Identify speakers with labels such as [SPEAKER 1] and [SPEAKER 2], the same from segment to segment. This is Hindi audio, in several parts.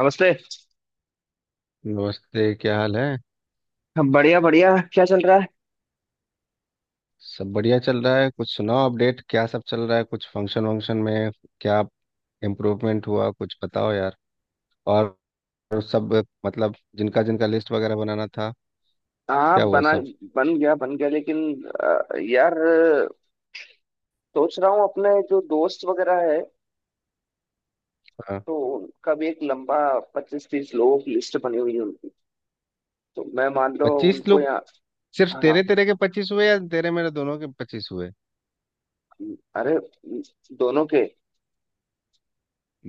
[SPEAKER 1] नमस्ते।
[SPEAKER 2] नमस्ते। क्या हाल है?
[SPEAKER 1] बढ़िया बढ़िया, क्या चल रहा है?
[SPEAKER 2] सब बढ़िया चल रहा है। कुछ सुनाओ अपडेट, क्या सब चल रहा है? कुछ फंक्शन वंक्शन में क्या इम्प्रूवमेंट हुआ, कुछ बताओ यार। और सब मतलब जिनका जिनका लिस्ट वगैरह बनाना था,
[SPEAKER 1] हाँ
[SPEAKER 2] क्या हुआ
[SPEAKER 1] बना।
[SPEAKER 2] सब?
[SPEAKER 1] बन गया बन गया, लेकिन यार सोच रहा हूँ अपने जो दोस्त वगैरह है,
[SPEAKER 2] हाँ,
[SPEAKER 1] तो उनका भी एक लंबा 25-30 लोगों की लिस्ट बनी हुई है उनकी। तो मैं, मान लो,
[SPEAKER 2] 25
[SPEAKER 1] उनको
[SPEAKER 2] लोग,
[SPEAKER 1] यहाँ।
[SPEAKER 2] सिर्फ
[SPEAKER 1] हाँ।
[SPEAKER 2] तेरे तेरे के 25 हुए या तेरे मेरे दोनों के 25 हुए?
[SPEAKER 1] अरे, दोनों के।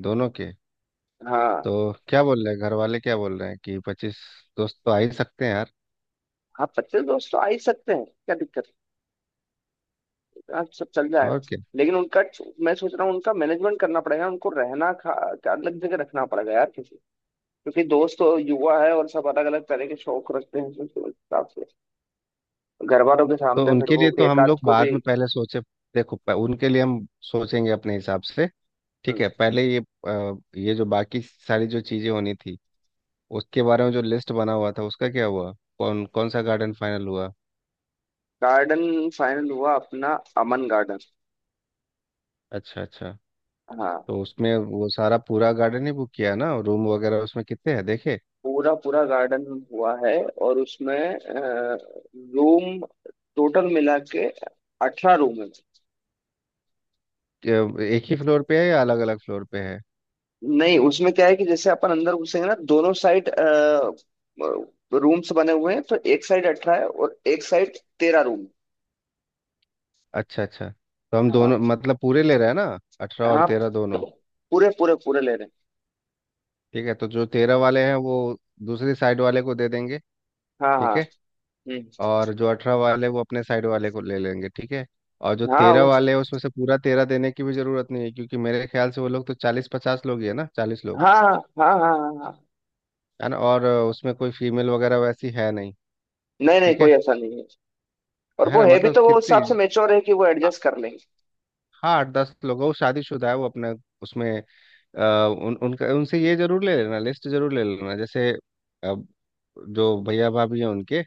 [SPEAKER 2] दोनों के।
[SPEAKER 1] हाँ
[SPEAKER 2] तो क्या बोल रहे हैं घर वाले, क्या बोल रहे हैं कि 25 दोस्त तो आ ही सकते हैं यार?
[SPEAKER 1] हाँ, 25 दोस्त तो आ ही सकते हैं, क्या दिक्कत है? हाँ, सब चल जाएगा।
[SPEAKER 2] और क्या,
[SPEAKER 1] लेकिन उनका मैं सोच रहा हूँ, उनका मैनेजमेंट करना पड़ेगा, उनको रहना खा क्या अलग जगह रखना पड़ेगा यार। क्योंकि दोस्त तो युवा है और सब अलग अलग तरह के शौक रखते हैं, तो उस हिसाब से घर वालों के
[SPEAKER 2] तो
[SPEAKER 1] सामने फिर
[SPEAKER 2] उनके लिए
[SPEAKER 1] वो
[SPEAKER 2] तो
[SPEAKER 1] एक
[SPEAKER 2] हम
[SPEAKER 1] आध
[SPEAKER 2] लोग
[SPEAKER 1] को
[SPEAKER 2] बाद
[SPEAKER 1] भी।
[SPEAKER 2] में, पहले सोचे, देखो उनके लिए हम सोचेंगे अपने हिसाब से, ठीक है। पहले ये, ये जो बाकी सारी जो चीज़ें होनी थी उसके बारे में जो लिस्ट बना हुआ था उसका क्या हुआ, कौन कौन सा गार्डन फाइनल हुआ?
[SPEAKER 1] गार्डन फाइनल हुआ अपना, अमन गार्डन।
[SPEAKER 2] अच्छा अच्छा।
[SPEAKER 1] हाँ।
[SPEAKER 2] तो उसमें वो सारा पूरा गार्डन ही बुक किया ना, रूम वगैरह उसमें कितने हैं देखे?
[SPEAKER 1] पूरा पूरा गार्डन हुआ है, और उसमें रूम टोटल मिला के 18 रूम है।
[SPEAKER 2] एक ही फ्लोर पे है या अलग अलग फ्लोर पे है?
[SPEAKER 1] नहीं, उसमें क्या है कि जैसे अपन अंदर घुसेंगे ना, दोनों साइड रूम्स बने हुए हैं, तो एक साइड 18 है और एक साइड 13 रूम।
[SPEAKER 2] अच्छा अच्छा। तो हम
[SPEAKER 1] हाँ।
[SPEAKER 2] दोनों मतलब पूरे ले रहे हैं ना, अठारह और
[SPEAKER 1] हाँ,
[SPEAKER 2] तेरह दोनों?
[SPEAKER 1] पूरे पूरे पूरे ले।
[SPEAKER 2] ठीक है। तो जो 13 वाले हैं वो दूसरी साइड वाले को दे देंगे,
[SPEAKER 1] हाँ। हाँ।
[SPEAKER 2] ठीक है।
[SPEAKER 1] हम्म।
[SPEAKER 2] और जो 18 वाले वो अपने साइड वाले को ले लेंगे, ठीक है। और जो
[SPEAKER 1] हाँ
[SPEAKER 2] 13
[SPEAKER 1] वो-
[SPEAKER 2] वाले हैं उसमें से पूरा 13 देने की भी जरूरत नहीं है, क्योंकि मेरे ख्याल से वो लोग तो 40-50 लोग ही है ना, 40 लोग।
[SPEAKER 1] हाँ हाँ हाँ हाँ। हाँ हाँ।
[SPEAKER 2] है ना, और उसमें कोई फीमेल वगैरह वैसी है नहीं?
[SPEAKER 1] नहीं नहीं,
[SPEAKER 2] ठीक
[SPEAKER 1] कोई
[SPEAKER 2] है
[SPEAKER 1] ऐसा नहीं है। और
[SPEAKER 2] है
[SPEAKER 1] वो
[SPEAKER 2] ना।
[SPEAKER 1] है भी
[SPEAKER 2] मतलब
[SPEAKER 1] तो वो उस
[SPEAKER 2] कितनी,
[SPEAKER 1] हिसाब से मेच्योर है कि वो
[SPEAKER 2] आ-
[SPEAKER 1] एडजस्ट कर लेंगे।
[SPEAKER 2] हाँ, 8-10 लोग हैं, वो शादीशुदा है, वो अपने उसमें, अ, उन उनका उनसे ये जरूर ले लेना, लिस्ट जरूर ले लेना, जैसे अ, जो भैया भाभी हैं उनके,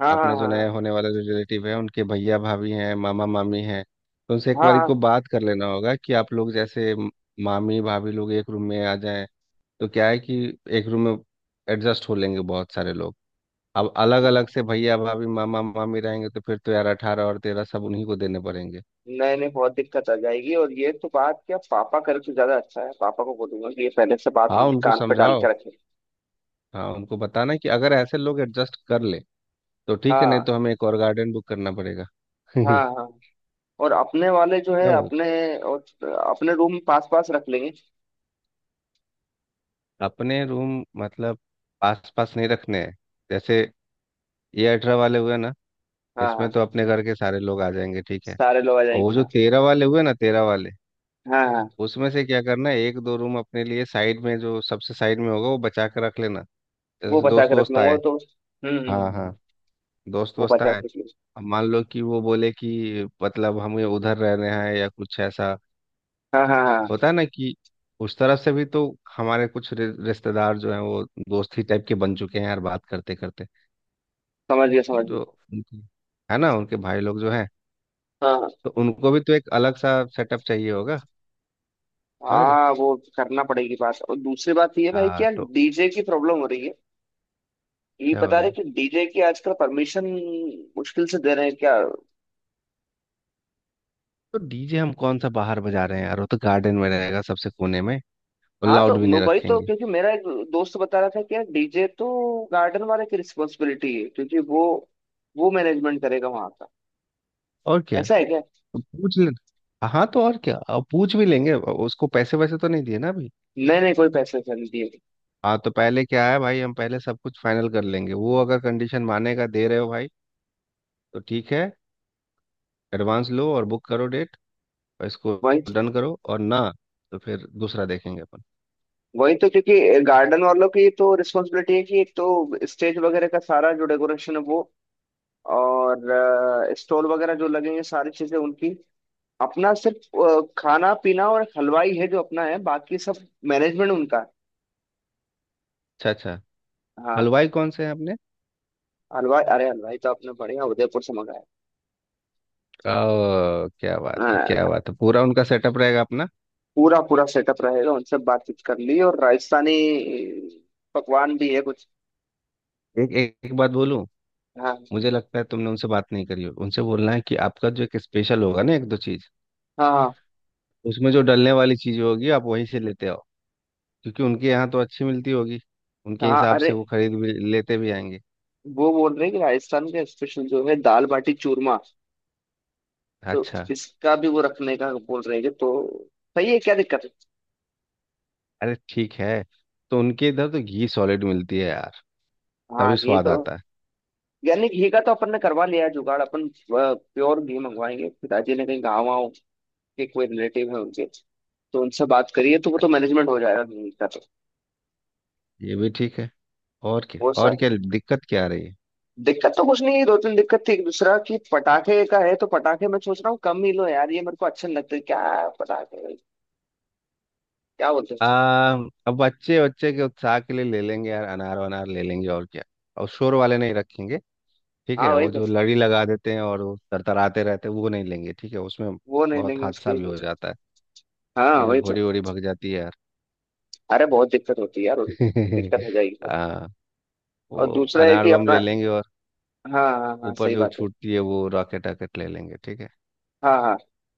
[SPEAKER 1] हाँ
[SPEAKER 2] अपने
[SPEAKER 1] हाँ
[SPEAKER 2] जो नए
[SPEAKER 1] हाँ
[SPEAKER 2] होने वाले रिलेटिव हैं उनके भैया भाभी हैं, मामा मामी हैं, तो उनसे एक
[SPEAKER 1] हाँ। हाँ
[SPEAKER 2] बार
[SPEAKER 1] हाँ।
[SPEAKER 2] को बात कर लेना होगा कि आप लोग जैसे मामी भाभी लोग एक रूम में आ जाएं तो क्या है कि एक रूम में एडजस्ट हो लेंगे बहुत सारे लोग। अब अलग अलग से भैया भाभी मामा मामी रहेंगे तो फिर तो यार 18 और 13 सब उन्हीं को देने पड़ेंगे।
[SPEAKER 1] नहीं नहीं, बहुत दिक्कत आ जाएगी, और ये तो बात क्या पापा करे तो ज्यादा अच्छा है। पापा को बोलूंगा कि ये पहले से बात
[SPEAKER 2] हाँ
[SPEAKER 1] उनके
[SPEAKER 2] उनको
[SPEAKER 1] कान पे डाल
[SPEAKER 2] समझाओ,
[SPEAKER 1] के रखे।
[SPEAKER 2] हाँ उनको बताना कि अगर ऐसे लोग एडजस्ट कर ले तो ठीक है, नहीं तो
[SPEAKER 1] हाँ
[SPEAKER 2] हमें एक और गार्डन बुक करना पड़ेगा। क्या
[SPEAKER 1] हाँ हाँ। और अपने वाले जो है,
[SPEAKER 2] बोल रहे
[SPEAKER 1] अपने और अपने रूम पास पास रख लेंगे।
[SPEAKER 2] हो, अपने रूम मतलब आस पास नहीं रखने हैं? जैसे ये 18 वाले हुए ना,
[SPEAKER 1] हाँ हाँ।
[SPEAKER 2] इसमें तो अपने घर के सारे लोग आ जाएंगे, ठीक है।
[SPEAKER 1] सारे लोग आ
[SPEAKER 2] और वो
[SPEAKER 1] जाएंगे
[SPEAKER 2] जो
[SPEAKER 1] हाँ।
[SPEAKER 2] 13 वाले हुए ना, 13 वाले,
[SPEAKER 1] हाँ हाँ।
[SPEAKER 2] उसमें से क्या करना है, एक दो रूम अपने लिए साइड में, जो सबसे साइड में होगा वो बचा के रख लेना,
[SPEAKER 1] वो
[SPEAKER 2] जैसे
[SPEAKER 1] बचा
[SPEAKER 2] दोस्त
[SPEAKER 1] के रख
[SPEAKER 2] वोस्त
[SPEAKER 1] लूंगा
[SPEAKER 2] आए।
[SPEAKER 1] तो
[SPEAKER 2] हाँ हाँ, दोस्त
[SPEAKER 1] वो
[SPEAKER 2] वोस्त
[SPEAKER 1] बचा
[SPEAKER 2] आए।
[SPEAKER 1] के रख लूंगा।
[SPEAKER 2] अब मान लो कि वो बोले कि मतलब हमें उधर रहने हैं या कुछ ऐसा,
[SPEAKER 1] हाँ हाँ हाँ।
[SPEAKER 2] होता है ना कि उस तरफ से भी तो हमारे कुछ रिश्तेदार जो हैं वो दोस्त ही टाइप के बन चुके हैं यार बात करते करते,
[SPEAKER 1] समझ गया समझ गया।
[SPEAKER 2] जो उनके, है ना उनके भाई लोग जो हैं,
[SPEAKER 1] हाँ हाँ
[SPEAKER 2] तो उनको भी तो एक अलग सा सेटअप चाहिए होगा। और
[SPEAKER 1] हाँ, वो करना पड़ेगी बात। और दूसरी बात ये है भाई कि
[SPEAKER 2] हाँ
[SPEAKER 1] यार
[SPEAKER 2] तो,
[SPEAKER 1] डीजे की प्रॉब्लम हो रही है। ये
[SPEAKER 2] क्या हो
[SPEAKER 1] बता रहे
[SPEAKER 2] रही?
[SPEAKER 1] कि डीजे की आजकल परमिशन मुश्किल से दे रहे हैं क्या।
[SPEAKER 2] तो डीजे हम कौन सा बाहर बजा रहे हैं यार, वो तो गार्डन में रहेगा सबसे कोने में, और
[SPEAKER 1] हाँ,
[SPEAKER 2] लाउड
[SPEAKER 1] तो
[SPEAKER 2] भी
[SPEAKER 1] मैं
[SPEAKER 2] नहीं
[SPEAKER 1] वही तो,
[SPEAKER 2] रखेंगे
[SPEAKER 1] क्योंकि मेरा एक दोस्त बता रहा था कि यार डीजे तो गार्डन वाले की रिस्पॉन्सिबिलिटी है, क्योंकि वो मैनेजमेंट करेगा वहां का।
[SPEAKER 2] और क्या।
[SPEAKER 1] ऐसा है क्या?
[SPEAKER 2] तो पूछ ले, हाँ तो और क्या, अब पूछ भी लेंगे। अब उसको पैसे वैसे तो नहीं दिए ना अभी?
[SPEAKER 1] नहीं नहीं, कोई पैसे वैसे नहीं दिए।
[SPEAKER 2] हाँ तो पहले क्या है भाई, हम पहले सब कुछ फाइनल कर लेंगे, वो अगर कंडीशन मानेगा दे रहे हो भाई तो ठीक है, एडवांस लो और बुक करो डेट, और इसको
[SPEAKER 1] वही
[SPEAKER 2] डन करो, और ना तो फिर दूसरा देखेंगे अपन।
[SPEAKER 1] वही तो क्योंकि गार्डन वालों की तो रिस्पॉन्सिबिलिटी है कि एक तो स्टेज वगैरह का सारा जो डेकोरेशन है वो, और स्टॉल वगैरह जो लगेंगे सारी चीजें उनकी। अपना सिर्फ खाना पीना और हलवाई है जो अपना है, बाकी सब मैनेजमेंट उनका है।
[SPEAKER 2] अच्छा अच्छा,
[SPEAKER 1] हाँ।
[SPEAKER 2] हलवाई कौन से हैं अपने?
[SPEAKER 1] हलवाई? अरे हलवाई तो आपने बढ़िया उदयपुर से मंगाया।
[SPEAKER 2] ओ, क्या बात है,
[SPEAKER 1] हाँ,
[SPEAKER 2] क्या बात है, पूरा उनका सेटअप रहेगा अपना।
[SPEAKER 1] पूरा पूरा सेटअप रहेगा, उनसे बातचीत कर ली। और राजस्थानी पकवान भी है कुछ।
[SPEAKER 2] एक एक, एक बात बोलूं,
[SPEAKER 1] हाँ
[SPEAKER 2] मुझे लगता है तुमने उनसे बात नहीं करी हो, उनसे बोलना है कि आपका जो एक स्पेशल होगा ना, एक दो चीज,
[SPEAKER 1] हाँ हाँ।
[SPEAKER 2] उसमें जो डलने वाली चीज होगी आप वहीं से लेते आओ, क्योंकि उनके यहाँ तो अच्छी मिलती होगी, उनके
[SPEAKER 1] हाँ।
[SPEAKER 2] हिसाब
[SPEAKER 1] अरे,
[SPEAKER 2] से वो खरीद भी लेते भी आएंगे।
[SPEAKER 1] वो बोल रहे हैं कि राजस्थान का स्पेशल जो है दाल बाटी चूरमा, तो
[SPEAKER 2] अच्छा,
[SPEAKER 1] इसका भी वो रखने का बोल रहे हैं, कि तो सही है, क्या दिक्कत है।
[SPEAKER 2] अरे ठीक है। तो उनके इधर तो घी सॉलिड मिलती है यार,
[SPEAKER 1] हाँ
[SPEAKER 2] तभी
[SPEAKER 1] ये
[SPEAKER 2] स्वाद
[SPEAKER 1] तो,
[SPEAKER 2] आता है।
[SPEAKER 1] यानी घी का तो अपन ने करवा लिया है जुगाड़। अपन प्योर घी मंगवाएंगे। पिताजी ने कहीं गाँव वाँव के कोई रिलेटिव है उनके, तो उनसे बात करिए तो वो तो मैनेजमेंट हो जाएगा घी का तो।
[SPEAKER 2] ये भी ठीक है। और क्या,
[SPEAKER 1] वो
[SPEAKER 2] और
[SPEAKER 1] सर,
[SPEAKER 2] क्या दिक्कत क्या आ रही है?
[SPEAKER 1] दिक्कत तो कुछ नहीं है। 2-3 दिक्कत थी, एक दूसरा कि पटाखे का है, तो पटाखे मैं सोच रहा हूँ कम ही लो यार। ये मेरे को अच्छे नहीं लगते क्या पटाखे, क्या बोलते हैं।
[SPEAKER 2] आ, अब बच्चे बच्चे के उत्साह के लिए ले लेंगे यार, अनार वनार ले लेंगे और क्या, और शोर वाले नहीं रखेंगे, ठीक
[SPEAKER 1] हाँ
[SPEAKER 2] है।
[SPEAKER 1] वही
[SPEAKER 2] वो
[SPEAKER 1] तो,
[SPEAKER 2] जो लड़ी लगा देते हैं और वो तरतराते रहते हैं वो नहीं लेंगे, ठीक है, उसमें
[SPEAKER 1] वो नहीं
[SPEAKER 2] बहुत
[SPEAKER 1] लेंगे
[SPEAKER 2] हादसा
[SPEAKER 1] उसके
[SPEAKER 2] भी
[SPEAKER 1] लिए।
[SPEAKER 2] हो जाता है।
[SPEAKER 1] हाँ वही तो।
[SPEAKER 2] घोड़ी वोड़ी भग जाती है
[SPEAKER 1] अरे बहुत दिक्कत होती है यार
[SPEAKER 2] यार।
[SPEAKER 1] दिक्कत हो जाएगी।
[SPEAKER 2] आ,
[SPEAKER 1] और
[SPEAKER 2] वो
[SPEAKER 1] दूसरा है
[SPEAKER 2] अनार
[SPEAKER 1] कि
[SPEAKER 2] बम
[SPEAKER 1] अपना,
[SPEAKER 2] ले लेंगे, और
[SPEAKER 1] हाँ हाँ हाँ,
[SPEAKER 2] ऊपर
[SPEAKER 1] सही
[SPEAKER 2] जो
[SPEAKER 1] बात है।
[SPEAKER 2] छूटती है वो रॉकेट रॉकेट ले लेंगे, ठीक है।
[SPEAKER 1] हाँ हाँ।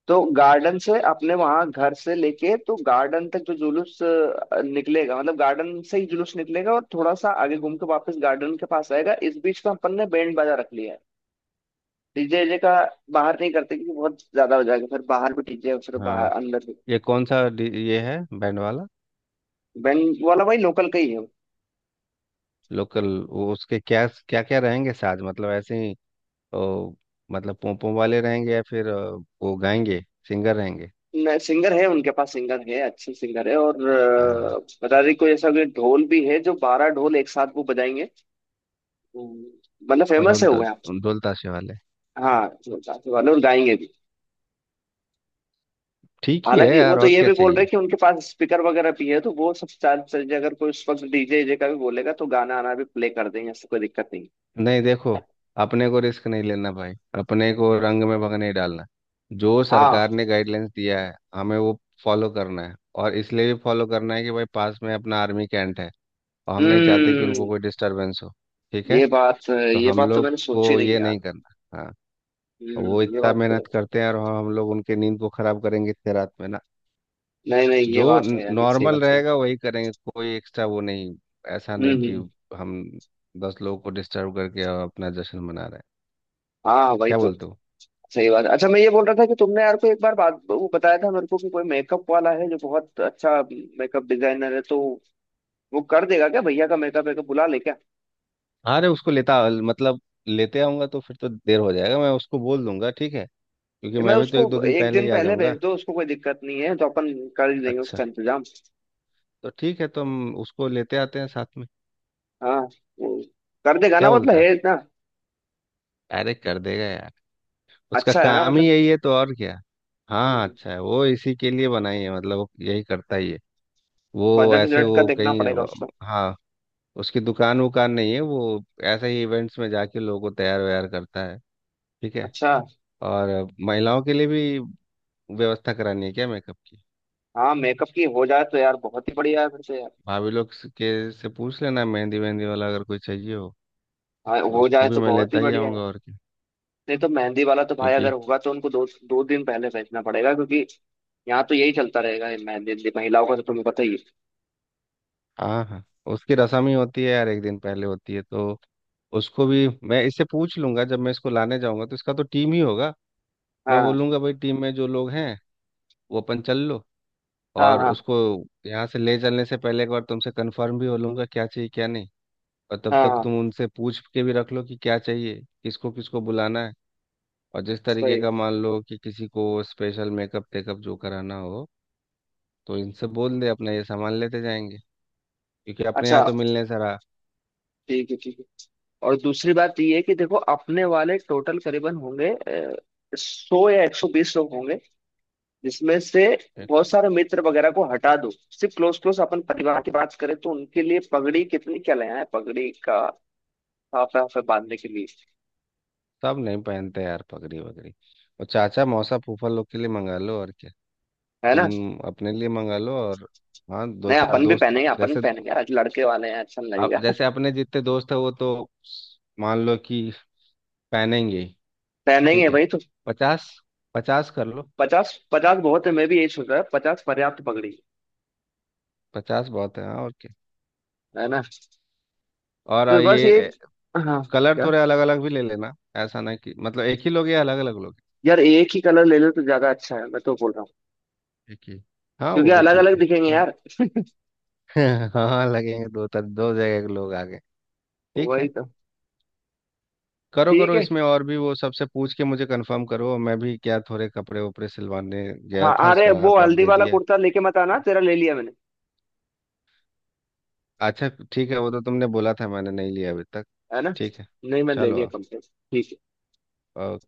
[SPEAKER 1] तो गार्डन से अपने वहां घर से लेके तो गार्डन तक जो जुलूस निकलेगा, मतलब गार्डन से ही जुलूस निकलेगा, और थोड़ा सा आगे घूम के वापस गार्डन के पास आएगा, इस बीच में अपन ने बैंड बाजा रख लिया है। डीजे जे का बाहर नहीं करते, क्योंकि बहुत ज्यादा हो जाएगा फिर, बाहर भी डीजे फिर
[SPEAKER 2] हाँ,
[SPEAKER 1] बाहर अंदर भी।
[SPEAKER 2] ये कौन सा ये है बैंड वाला?
[SPEAKER 1] बैंड वाला भाई लोकल का ही।
[SPEAKER 2] लोकल, वो उसके क्या क्या क्या रहेंगे, साज मतलब ऐसे, तो मतलब पोंपों वाले रहेंगे या फिर वो गाएंगे, सिंगर रहेंगे?
[SPEAKER 1] है सिंगर, है उनके पास सिंगर, है अच्छे सिंगर है। और
[SPEAKER 2] हाँ,
[SPEAKER 1] बता रही कोई ऐसा कोई ढोल भी है जो 12 ढोल एक साथ वो बजाएंगे, तो मतलब
[SPEAKER 2] और
[SPEAKER 1] फेमस
[SPEAKER 2] ढोल
[SPEAKER 1] है वो यहाँ पे।
[SPEAKER 2] ढोल ताशे वाले?
[SPEAKER 1] हाँ जो साथ वाले, और गाएंगे।
[SPEAKER 2] ठीक ही है
[SPEAKER 1] हालांकि वो
[SPEAKER 2] यार,
[SPEAKER 1] तो
[SPEAKER 2] और
[SPEAKER 1] ये
[SPEAKER 2] क्या
[SPEAKER 1] भी बोल रहे
[SPEAKER 2] चाहिए।
[SPEAKER 1] कि उनके पास स्पीकर वगैरह भी है, तो वो सब चार चीजें अगर कोई उस वक्त डीजे वीजे का भी बोलेगा तो गाना आना भी प्ले कर देंगे, ऐसी कोई दिक्कत नहीं।
[SPEAKER 2] नहीं देखो, अपने को रिस्क नहीं लेना भाई, अपने को रंग में भंग नहीं डालना, जो
[SPEAKER 1] हाँ।
[SPEAKER 2] सरकार ने गाइडलाइंस दिया है हमें वो फॉलो करना है, और इसलिए भी फॉलो करना है कि भाई पास में अपना आर्मी कैंट है, और हम नहीं चाहते कि
[SPEAKER 1] हम्म।
[SPEAKER 2] उनको कोई डिस्टरबेंस हो, ठीक है। तो
[SPEAKER 1] ये
[SPEAKER 2] हम
[SPEAKER 1] बात तो
[SPEAKER 2] लोग
[SPEAKER 1] मैंने सोची
[SPEAKER 2] को
[SPEAKER 1] नहीं
[SPEAKER 2] ये
[SPEAKER 1] यार।
[SPEAKER 2] नहीं करना। हाँ, वो
[SPEAKER 1] हम्म, ये
[SPEAKER 2] इतना
[SPEAKER 1] बात तो
[SPEAKER 2] मेहनत करते हैं और हम लोग उनके नींद को खराब करेंगे इतने रात में ना।
[SPEAKER 1] नहीं नहीं, ये
[SPEAKER 2] जो
[SPEAKER 1] बात है यार, ये सही
[SPEAKER 2] नॉर्मल
[SPEAKER 1] बात है।
[SPEAKER 2] रहेगा वही करेंगे, कोई एक्स्ट्रा वो नहीं, ऐसा नहीं कि
[SPEAKER 1] हम्म।
[SPEAKER 2] हम 10 लोगों को डिस्टर्ब करके अपना जश्न मना रहे हैं,
[SPEAKER 1] हाँ वही
[SPEAKER 2] क्या
[SPEAKER 1] तो।
[SPEAKER 2] बोलते हो।
[SPEAKER 1] सही बात है। अच्छा, मैं ये बोल रहा था कि तुमने यार को एक बार बात वो बताया था मेरे को कि कोई मेकअप वाला है जो बहुत अच्छा मेकअप डिजाइनर है, तो वो कर देगा क्या भैया का मेकअप वेकअप? बुला ले क्या?
[SPEAKER 2] हाँ, अरे उसको लेता मतलब लेते आऊंगा तो फिर तो देर हो जाएगा, मैं उसको बोल दूंगा ठीक है, क्योंकि
[SPEAKER 1] मैं
[SPEAKER 2] मैं भी तो
[SPEAKER 1] उसको
[SPEAKER 2] एक दो दिन
[SPEAKER 1] एक
[SPEAKER 2] पहले
[SPEAKER 1] दिन
[SPEAKER 2] ही आ
[SPEAKER 1] पहले
[SPEAKER 2] जाऊंगा।
[SPEAKER 1] भेज दो, उसको कोई दिक्कत नहीं है तो अपन कर ही लेंगे उसका
[SPEAKER 2] अच्छा,
[SPEAKER 1] इंतजाम।
[SPEAKER 2] तो ठीक है, तो हम उसको लेते आते हैं साथ में।
[SPEAKER 1] हाँ, वो कर देगा ना
[SPEAKER 2] क्या
[SPEAKER 1] मतलब,
[SPEAKER 2] बोलता है,
[SPEAKER 1] है ना?
[SPEAKER 2] अरे कर देगा यार, उसका
[SPEAKER 1] अच्छा है ना
[SPEAKER 2] काम ही
[SPEAKER 1] मतलब।
[SPEAKER 2] यही है तो, और क्या। हाँ अच्छा है, वो इसी के लिए बनाई है, मतलब वो यही करता ही है, वो
[SPEAKER 1] बजट
[SPEAKER 2] ऐसे
[SPEAKER 1] वजट का
[SPEAKER 2] वो
[SPEAKER 1] देखना
[SPEAKER 2] कहीं,
[SPEAKER 1] पड़ेगा उसको।
[SPEAKER 2] हाँ उसकी दुकान वुकान नहीं है, वो ऐसे ही इवेंट्स में जाके लोगों को तैयार वैयार करता है, ठीक है।
[SPEAKER 1] अच्छा।
[SPEAKER 2] और महिलाओं के लिए भी व्यवस्था करानी है क्या, मेकअप की?
[SPEAKER 1] हाँ, मेकअप की हो जाए तो यार बहुत ही बढ़िया है फिर से यार।
[SPEAKER 2] भाभी लोग के से पूछ लेना, मेहंदी वेहंदी वाला अगर कोई चाहिए हो
[SPEAKER 1] हाँ,
[SPEAKER 2] तो
[SPEAKER 1] हो
[SPEAKER 2] उसको
[SPEAKER 1] जाए
[SPEAKER 2] भी
[SPEAKER 1] तो
[SPEAKER 2] मैं
[SPEAKER 1] बहुत ही
[SPEAKER 2] लेता ही
[SPEAKER 1] बढ़िया है।
[SPEAKER 2] आऊँगा, और क्या,
[SPEAKER 1] नहीं तो मेहंदी वाला तो भाई अगर
[SPEAKER 2] क्योंकि।
[SPEAKER 1] होगा तो उनको दो दो दिन पहले भेजना पड़ेगा, क्योंकि यहाँ तो यही चलता रहेगा ये मेहंदी वेहंदी, महिलाओं का तो तुम्हें पता ही है।
[SPEAKER 2] हाँ हाँ, उसकी रसम ही होती है यार, एक दिन पहले होती है, तो उसको भी मैं इससे पूछ लूंगा जब मैं इसको लाने जाऊंगा, तो इसका तो टीम ही होगा, मैं
[SPEAKER 1] हाँ
[SPEAKER 2] बोलूंगा भाई टीम में जो लोग हैं वो अपन चल लो।
[SPEAKER 1] हाँ
[SPEAKER 2] और
[SPEAKER 1] हाँ
[SPEAKER 2] उसको यहाँ से ले चलने से पहले एक बार तुमसे कंफर्म भी हो लूंगा क्या चाहिए क्या नहीं, और तब
[SPEAKER 1] हाँ
[SPEAKER 2] तक
[SPEAKER 1] हाँ।
[SPEAKER 2] तुम उनसे पूछ के भी रख लो कि क्या चाहिए, किसको किसको बुलाना है, और जिस तरीके
[SPEAKER 1] सही।
[SPEAKER 2] का मान लो कि किसी को स्पेशल मेकअप टेकअप जो कराना हो, तो इनसे बोल दे अपना ये सामान लेते जाएंगे, क्योंकि अपने यहाँ
[SPEAKER 1] अच्छा
[SPEAKER 2] तो मिलने सारा।
[SPEAKER 1] ठीक है ठीक है। और दूसरी बात ये है कि देखो अपने वाले टोटल करीबन होंगे 100 या 120 लोग होंगे, जिसमें से बहुत सारे मित्र वगैरह को हटा दो, सिर्फ क्लोज क्लोज अपन परिवार की बात करें तो उनके लिए पगड़ी कितनी क्या ले आए पगड़ी का, हाफ हाफ बांधने के लिए।
[SPEAKER 2] सब नहीं पहनते यार पगड़ी वगड़ी, और चाचा मौसा फूफा लोग के लिए मंगा लो और क्या,
[SPEAKER 1] है ना?
[SPEAKER 2] तुम अपने लिए मंगा लो, और हाँ दो
[SPEAKER 1] नहीं,
[SPEAKER 2] चार
[SPEAKER 1] अपन भी
[SPEAKER 2] दोस्त
[SPEAKER 1] पहनेंगे अपन भी
[SPEAKER 2] जैसे,
[SPEAKER 1] पहनेंगे, आज लड़के वाले हैं, अच्छा नहीं
[SPEAKER 2] आप
[SPEAKER 1] लगेगा।
[SPEAKER 2] जैसे अपने जितने दोस्त है वो तो, मान लो कि, पहनेंगे ही,
[SPEAKER 1] पहनेंगे
[SPEAKER 2] ठीक है।
[SPEAKER 1] भाई तो।
[SPEAKER 2] 50, 50 कर लो,
[SPEAKER 1] 50 पचास बहुत है, मैं भी यही सोच रहा है, 50 पर्याप्त पगड़ी।
[SPEAKER 2] 50 बहुत है, हाँ, और क्या।
[SPEAKER 1] है ना?
[SPEAKER 2] और
[SPEAKER 1] तो बस ये।
[SPEAKER 2] ये
[SPEAKER 1] हाँ।
[SPEAKER 2] कलर
[SPEAKER 1] क्या?
[SPEAKER 2] थोड़े अलग अलग भी ले लेना, ऐसा ना कि, मतलब एक ही लोगे या अलग अलग लोगे?
[SPEAKER 1] यार एक ही कलर ले लो तो ज्यादा अच्छा है मैं तो बोल रहा हूँ,
[SPEAKER 2] एक ही, हाँ
[SPEAKER 1] क्योंकि
[SPEAKER 2] वो भी
[SPEAKER 1] अलग
[SPEAKER 2] ठीक
[SPEAKER 1] अलग
[SPEAKER 2] है
[SPEAKER 1] दिखेंगे
[SPEAKER 2] चलो।
[SPEAKER 1] यार।
[SPEAKER 2] हाँ लगेंगे दो तर दो जगह के लोग आगे। ठीक
[SPEAKER 1] वही
[SPEAKER 2] है,
[SPEAKER 1] तो।
[SPEAKER 2] करो
[SPEAKER 1] ठीक
[SPEAKER 2] करो,
[SPEAKER 1] है।
[SPEAKER 2] इसमें और भी वो सबसे पूछ के मुझे कंफर्म करो, मैं भी क्या थोड़े कपड़े वपड़े सिलवाने गया
[SPEAKER 1] हाँ,
[SPEAKER 2] था,
[SPEAKER 1] अरे
[SPEAKER 2] उसका
[SPEAKER 1] वो
[SPEAKER 2] नाप आप
[SPEAKER 1] हल्दी
[SPEAKER 2] दे
[SPEAKER 1] वाला
[SPEAKER 2] दिया है।
[SPEAKER 1] कुर्ता लेके मत आना, तेरा ले लिया मैंने।
[SPEAKER 2] अच्छा ठीक है, वो तो तुमने बोला था, मैंने नहीं लिया अभी तक,
[SPEAKER 1] है ना?
[SPEAKER 2] ठीक है
[SPEAKER 1] नहीं, मैंने ले
[SPEAKER 2] चलो
[SPEAKER 1] लिया
[SPEAKER 2] आप
[SPEAKER 1] कम से कम। ठीक है।
[SPEAKER 2] अ,